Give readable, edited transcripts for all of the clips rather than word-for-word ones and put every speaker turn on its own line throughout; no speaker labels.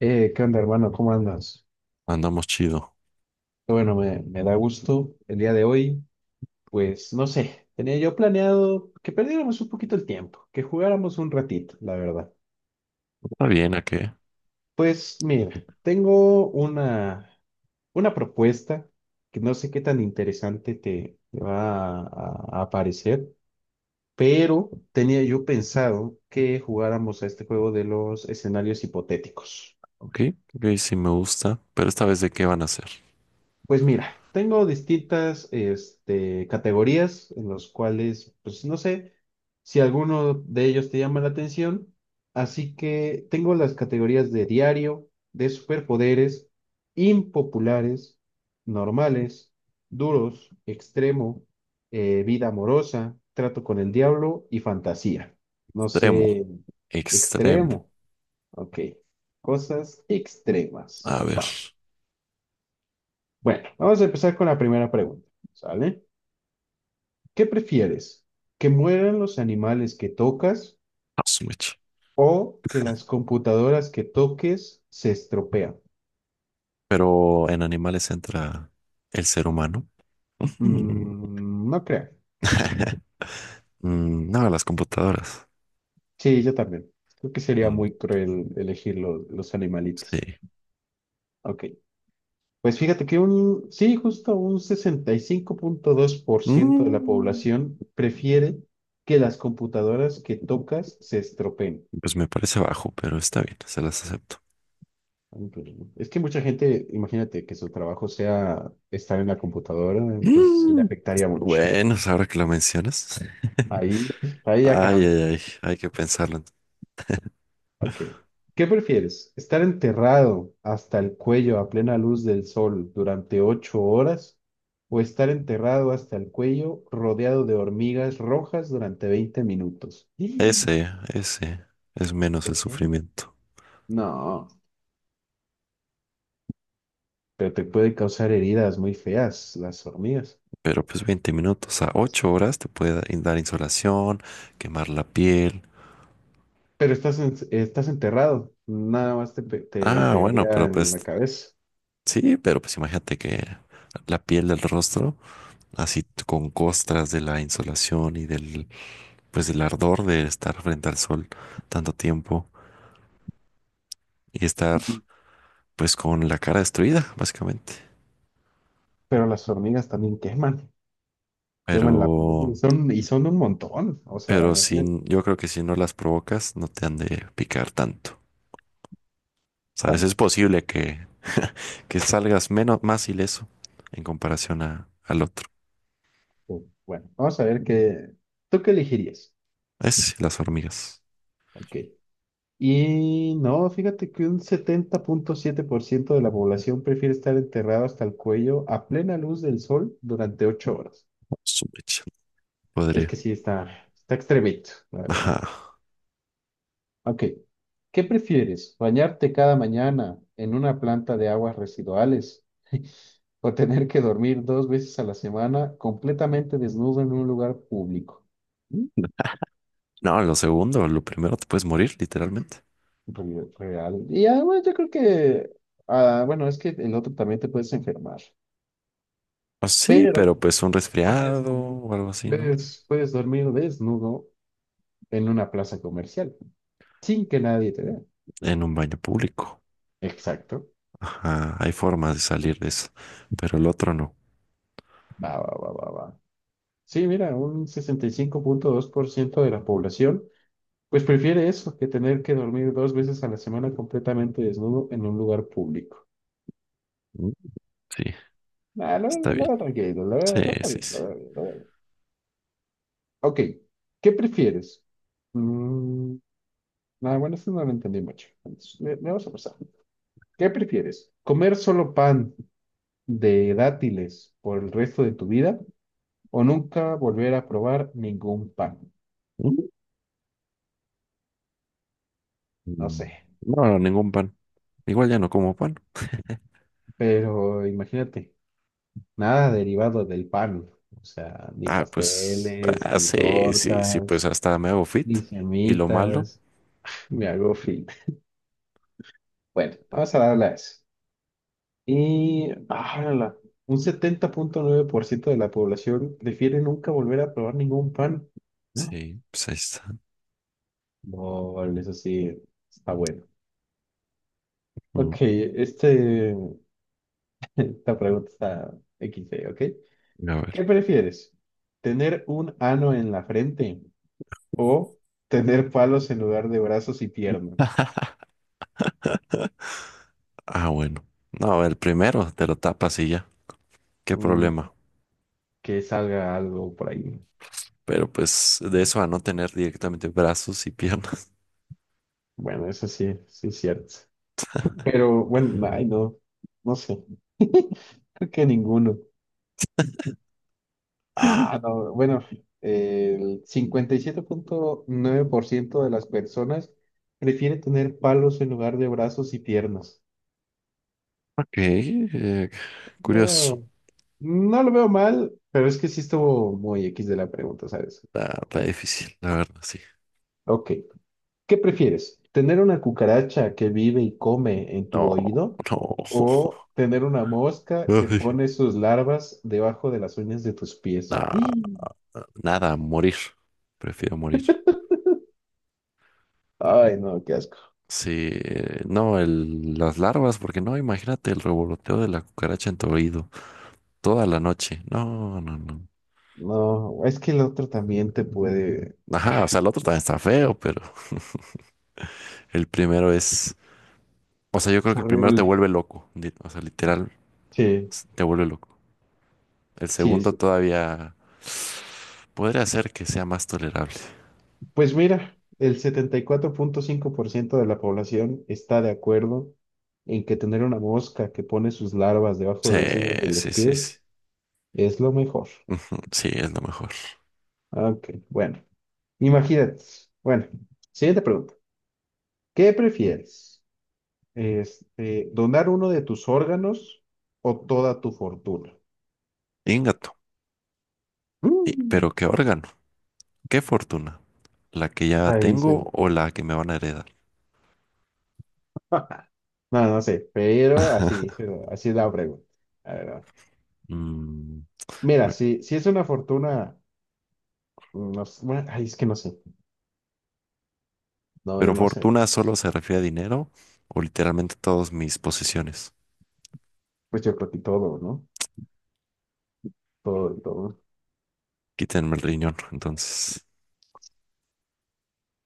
¿Qué onda, hermano? ¿Cómo andas?
Andamos chido.
Qué bueno, me da gusto el día de hoy. Pues no sé, tenía yo planeado que perdiéramos un poquito el tiempo, que jugáramos un ratito, la verdad.
Está bien, ¿a qué?
Pues mira, tengo una propuesta que no sé qué tan interesante te va a parecer, pero tenía yo pensado que jugáramos a este juego de los escenarios hipotéticos.
Ok, ok, sí me gusta. Pero esta vez, ¿de qué van a hacer?
Pues mira, tengo distintas categorías en los cuales, pues no sé si alguno de ellos te llama la atención. Así que tengo las categorías de diario, de superpoderes, impopulares, normales, duros, extremo, vida amorosa, trato con el diablo y fantasía. No
Extremo,
sé,
extremo.
extremo, ok. Cosas extremas.
A ver,
Va. Bueno, vamos a empezar con la primera pregunta, ¿sale? ¿Qué prefieres? ¿Que mueran los animales que tocas
a su mecha.
o que las computadoras que toques se estropean?
Pero en animales entra el ser humano. Ujú.
Mm, no creo. Ok.
No, las computadoras.
Sí, yo también. Creo que sería
Mm,
muy cruel elegir los animalitos.
sí.
Ok. Pues fíjate que un, sí, justo un 65.2% de la
Mm,
población prefiere que las computadoras que tocas se estropeen.
Pues me parece bajo, pero está bien, se las acepto.
Un problema. Es que mucha gente, imagínate que su trabajo sea estar en la computadora, pues sí le
Mm,
afectaría mucho.
Bueno, pues ahora que lo mencionas.
Ahí, ahí ya
Ay, ay,
cambia.
ay, hay que pensarlo.
Ok. ¿Qué prefieres? ¿Estar enterrado hasta el cuello a plena luz del sol durante 8 horas o estar enterrado hasta el cuello rodeado de hormigas rojas durante 20 minutos?
Ese es menos el
¿Por qué?
sufrimiento.
No, pero te puede causar heridas muy feas las hormigas.
Pero pues 20 minutos a 8 horas te puede dar insolación, quemar la piel.
Pero estás enterrado, nada más te
Ah, bueno,
pegaría
pero
en
pues
la cabeza.
sí, pero pues imagínate que la piel del rostro, así con costras de la insolación y del ardor de estar frente al sol tanto tiempo y estar
Ujú.
pues con la cara destruida, básicamente.
Pero las hormigas también queman la piel
Pero,
y son un montón. O sea,
pero
imagínate
sin, yo creo que si no las provocas, no te han de picar tanto. ¿Sabes? Es
tanto.
posible que salgas menos, más ileso en comparación al otro.
Bueno, vamos a ver qué. ¿Tú qué elegirías?
Es las hormigas.
Ok. Y no, fíjate que un 70.7% de la población prefiere estar enterrado hasta el cuello a plena luz del sol durante ocho horas.
Su mecha.
Es
Podría.
que sí, está extremito, la verdad.
Ajá.
Ok. ¿Qué prefieres? ¿Bañarte cada mañana en una planta de aguas residuales o tener que dormir dos veces a la semana completamente desnudo en un lugar público? Mm,
No, lo segundo, lo primero te puedes morir, literalmente.
Real. Y bueno, yo creo que, bueno, es que el otro también te puedes enfermar,
Ah, sí,
pero
pero pues un
puedes,
resfriado
dormir-
o algo así, ¿no?
puedes dormir desnudo en una plaza comercial sin que nadie te vea.
En un baño público.
Exacto.
Ajá, hay formas de salir de eso, pero el otro no.
Va, va, va, va, va. Sí, mira, un 65.2% de la población, pues prefiere eso que tener que dormir dos veces a la semana completamente desnudo en un lugar público.
Mm, sí,
Ah,
está
lo
bien.
veo tranquilo,
Sí,
lo veo
sí,
bien, lo
sí.
veo bien, lo veo bien. Ok, ¿qué prefieres? Mm, bueno, esto no lo entendí mucho. Entonces, le vamos a pasar. ¿Qué prefieres? ¿Comer solo pan de dátiles por el resto de tu vida o nunca volver a probar ningún pan?
Mm.
No
Mm,
sé,
No, ningún pan. Igual ya no como pan.
pero imagínate. Nada derivado del pan, o sea, ni
Ah, pues,
pasteles,
ah,
ni
sí, sí, sí, pues
tortas,
hasta me hago fit.
ni
Y lo malo,
semitas me hago fit. Bueno, vamos a darle a eso. Y, un 70.9% de la población prefiere nunca volver a probar ningún pan. No,
sí, pues ahí está.
no, eso sí, está bueno.
Mm,
Ok, esta pregunta está XD, ¿ok?
a ver.
¿Qué prefieres? ¿Tener un ano en la frente? O tener palos en lugar de brazos y piernas.
Ah, bueno. No, el primero te lo tapas y ya. Qué
Mm,
problema.
que salga algo por ahí.
Pero pues de eso a no tener directamente brazos y piernas.
Bueno, eso sí, sí es cierto. Pero bueno, ay, no, no sé. Creo que ninguno. Ah, no, bueno, el 57.9% de las personas prefiere tener palos en lugar de brazos y piernas.
Ok,
No
curioso.
veo- no lo veo mal, pero es que sí estuvo muy X de la pregunta, ¿sabes?
Está difícil, la verdad, sí.
Ok. ¿Qué prefieres? ¿Tener una cucaracha que vive y come en tu
No,
oído
no.
o tener una mosca que
Ay,
pone sus larvas debajo de las uñas de tus pies?
nah,
¡Y!
nada, morir. Prefiero morir.
Ay, no, qué asco.
Sí, no, las larvas, porque no, imagínate el revoloteo de la cucaracha en tu oído toda la noche. No, no, no.
No, es que el otro también te puede...
Ajá, o sea, el otro también está feo, pero el primero es, o sea, yo creo
Es
que el primero te
horrible.
vuelve loco, o sea, literal,
Sí,
te vuelve loco. El
sí,
segundo
sí.
todavía podría hacer que sea más tolerable.
Pues mira, el 74.5% de la población está de acuerdo en que tener una mosca que pone sus larvas debajo
Sí,
de las uñas de los
sí, sí, sí.
pies es lo mejor.
Ujú, sí, es lo mejor.
Ok, bueno. Imagínate. Bueno, siguiente pregunta. ¿Qué prefieres? ¿Donar uno de tus órganos o toda tu fortuna?
Ingato.
Mm.
Pero qué órgano, qué fortuna, la que ya
Ahí dice.
tengo o la que me van a heredar.
No, no sé, pero así dice, así es la pregunta. A ver, a.
Mm,
Mira,
mm,
si es una fortuna, no sé, bueno, ay, es que no sé. No,
pero
yo no sé, no
fortuna
sé.
solo se refiere a dinero o literalmente todas mis posesiones.
Pues yo creo que todo, ¿no? Todo, todo.
Quítenme el riñón, entonces,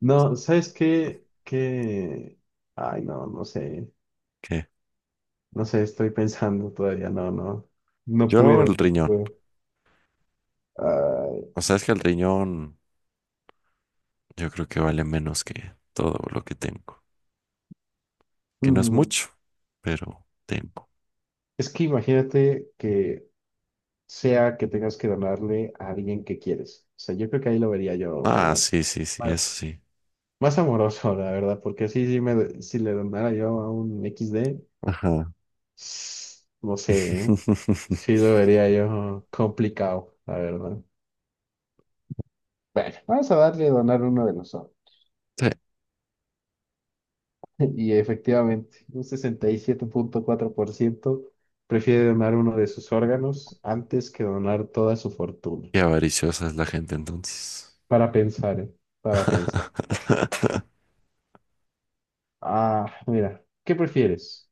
No, ¿sabes qué? Que, ay, no, no sé.
¿qué?
No sé, estoy pensando todavía, no, no, no
Yo
puedo,
el
no
riñón.
puedo. Ay,
O sea, es que el riñón yo creo que vale menos que todo lo que tengo. Que no es
mm,
mucho, pero tengo.
es que imagínate que sea que tengas que donarle a alguien que quieres. O sea, yo creo que ahí lo vería yo
Ah,
más,
sí, sí, sí, eso
más,
sí.
más amoroso, la verdad, porque sí, si le donara yo a un XD,
Ajá.
no sé, ¿eh? Sí lo vería yo complicado, la verdad. Bueno, vamos a darle a donar uno de nosotros.
Sí,
Y efectivamente, un 67.4% prefiere donar uno de sus órganos antes que donar toda su fortuna.
qué avariciosa es la gente entonces.
Para pensar, ¿eh? Para pensar. Ah, mira, ¿qué prefieres?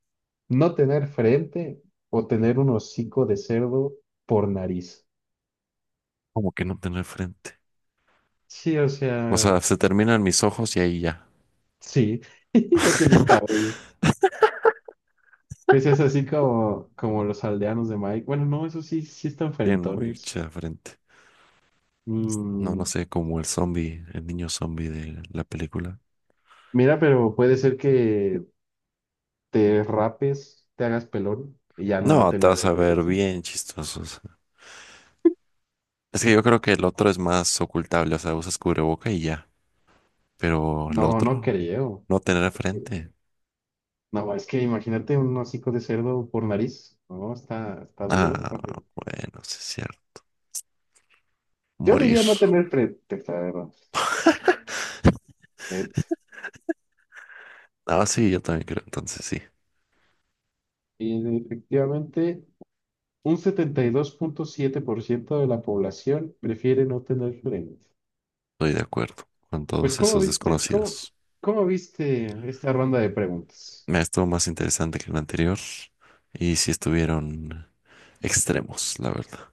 ¿No tener frente o tener un hocico de cerdo por nariz?
Como que no tener frente.
Sí, o
O
sea,
sea, se terminan mis ojos y ahí ya.
sí, ya tienes cabello. Ese es así como, los aldeanos de Mike. Bueno, no, eso sí, sí están
Tienen
frentones.
mucha frente. No, no
Mm,
sé, como el zombie, el niño zombie de la película.
mira, pero puede ser que te rapes, te hagas pelón y ya no
No,
noten
te
la
vas a ver
diferencia.
bien chistoso, o sea. Es que yo creo que el otro es más ocultable, o sea, usas cubreboca y ya. Pero el
No, no
otro,
creo.
no tener frente.
No, es que imagínate un hocico de cerdo por nariz. No, está duro.
Ah, bueno, sí es cierto.
Yo
Morir.
diría no tener frente, la verdad. Et-
Ah, sí, yo también creo, entonces sí,
Y efectivamente, un 72.7% de la población prefiere no tener frente.
estoy de acuerdo con
Pues,
todos
¿cómo
esos
viste, cómo,
desconocidos.
cómo viste esta ronda de preguntas?
Me estuvo más interesante que el anterior y sí estuvieron extremos, la verdad.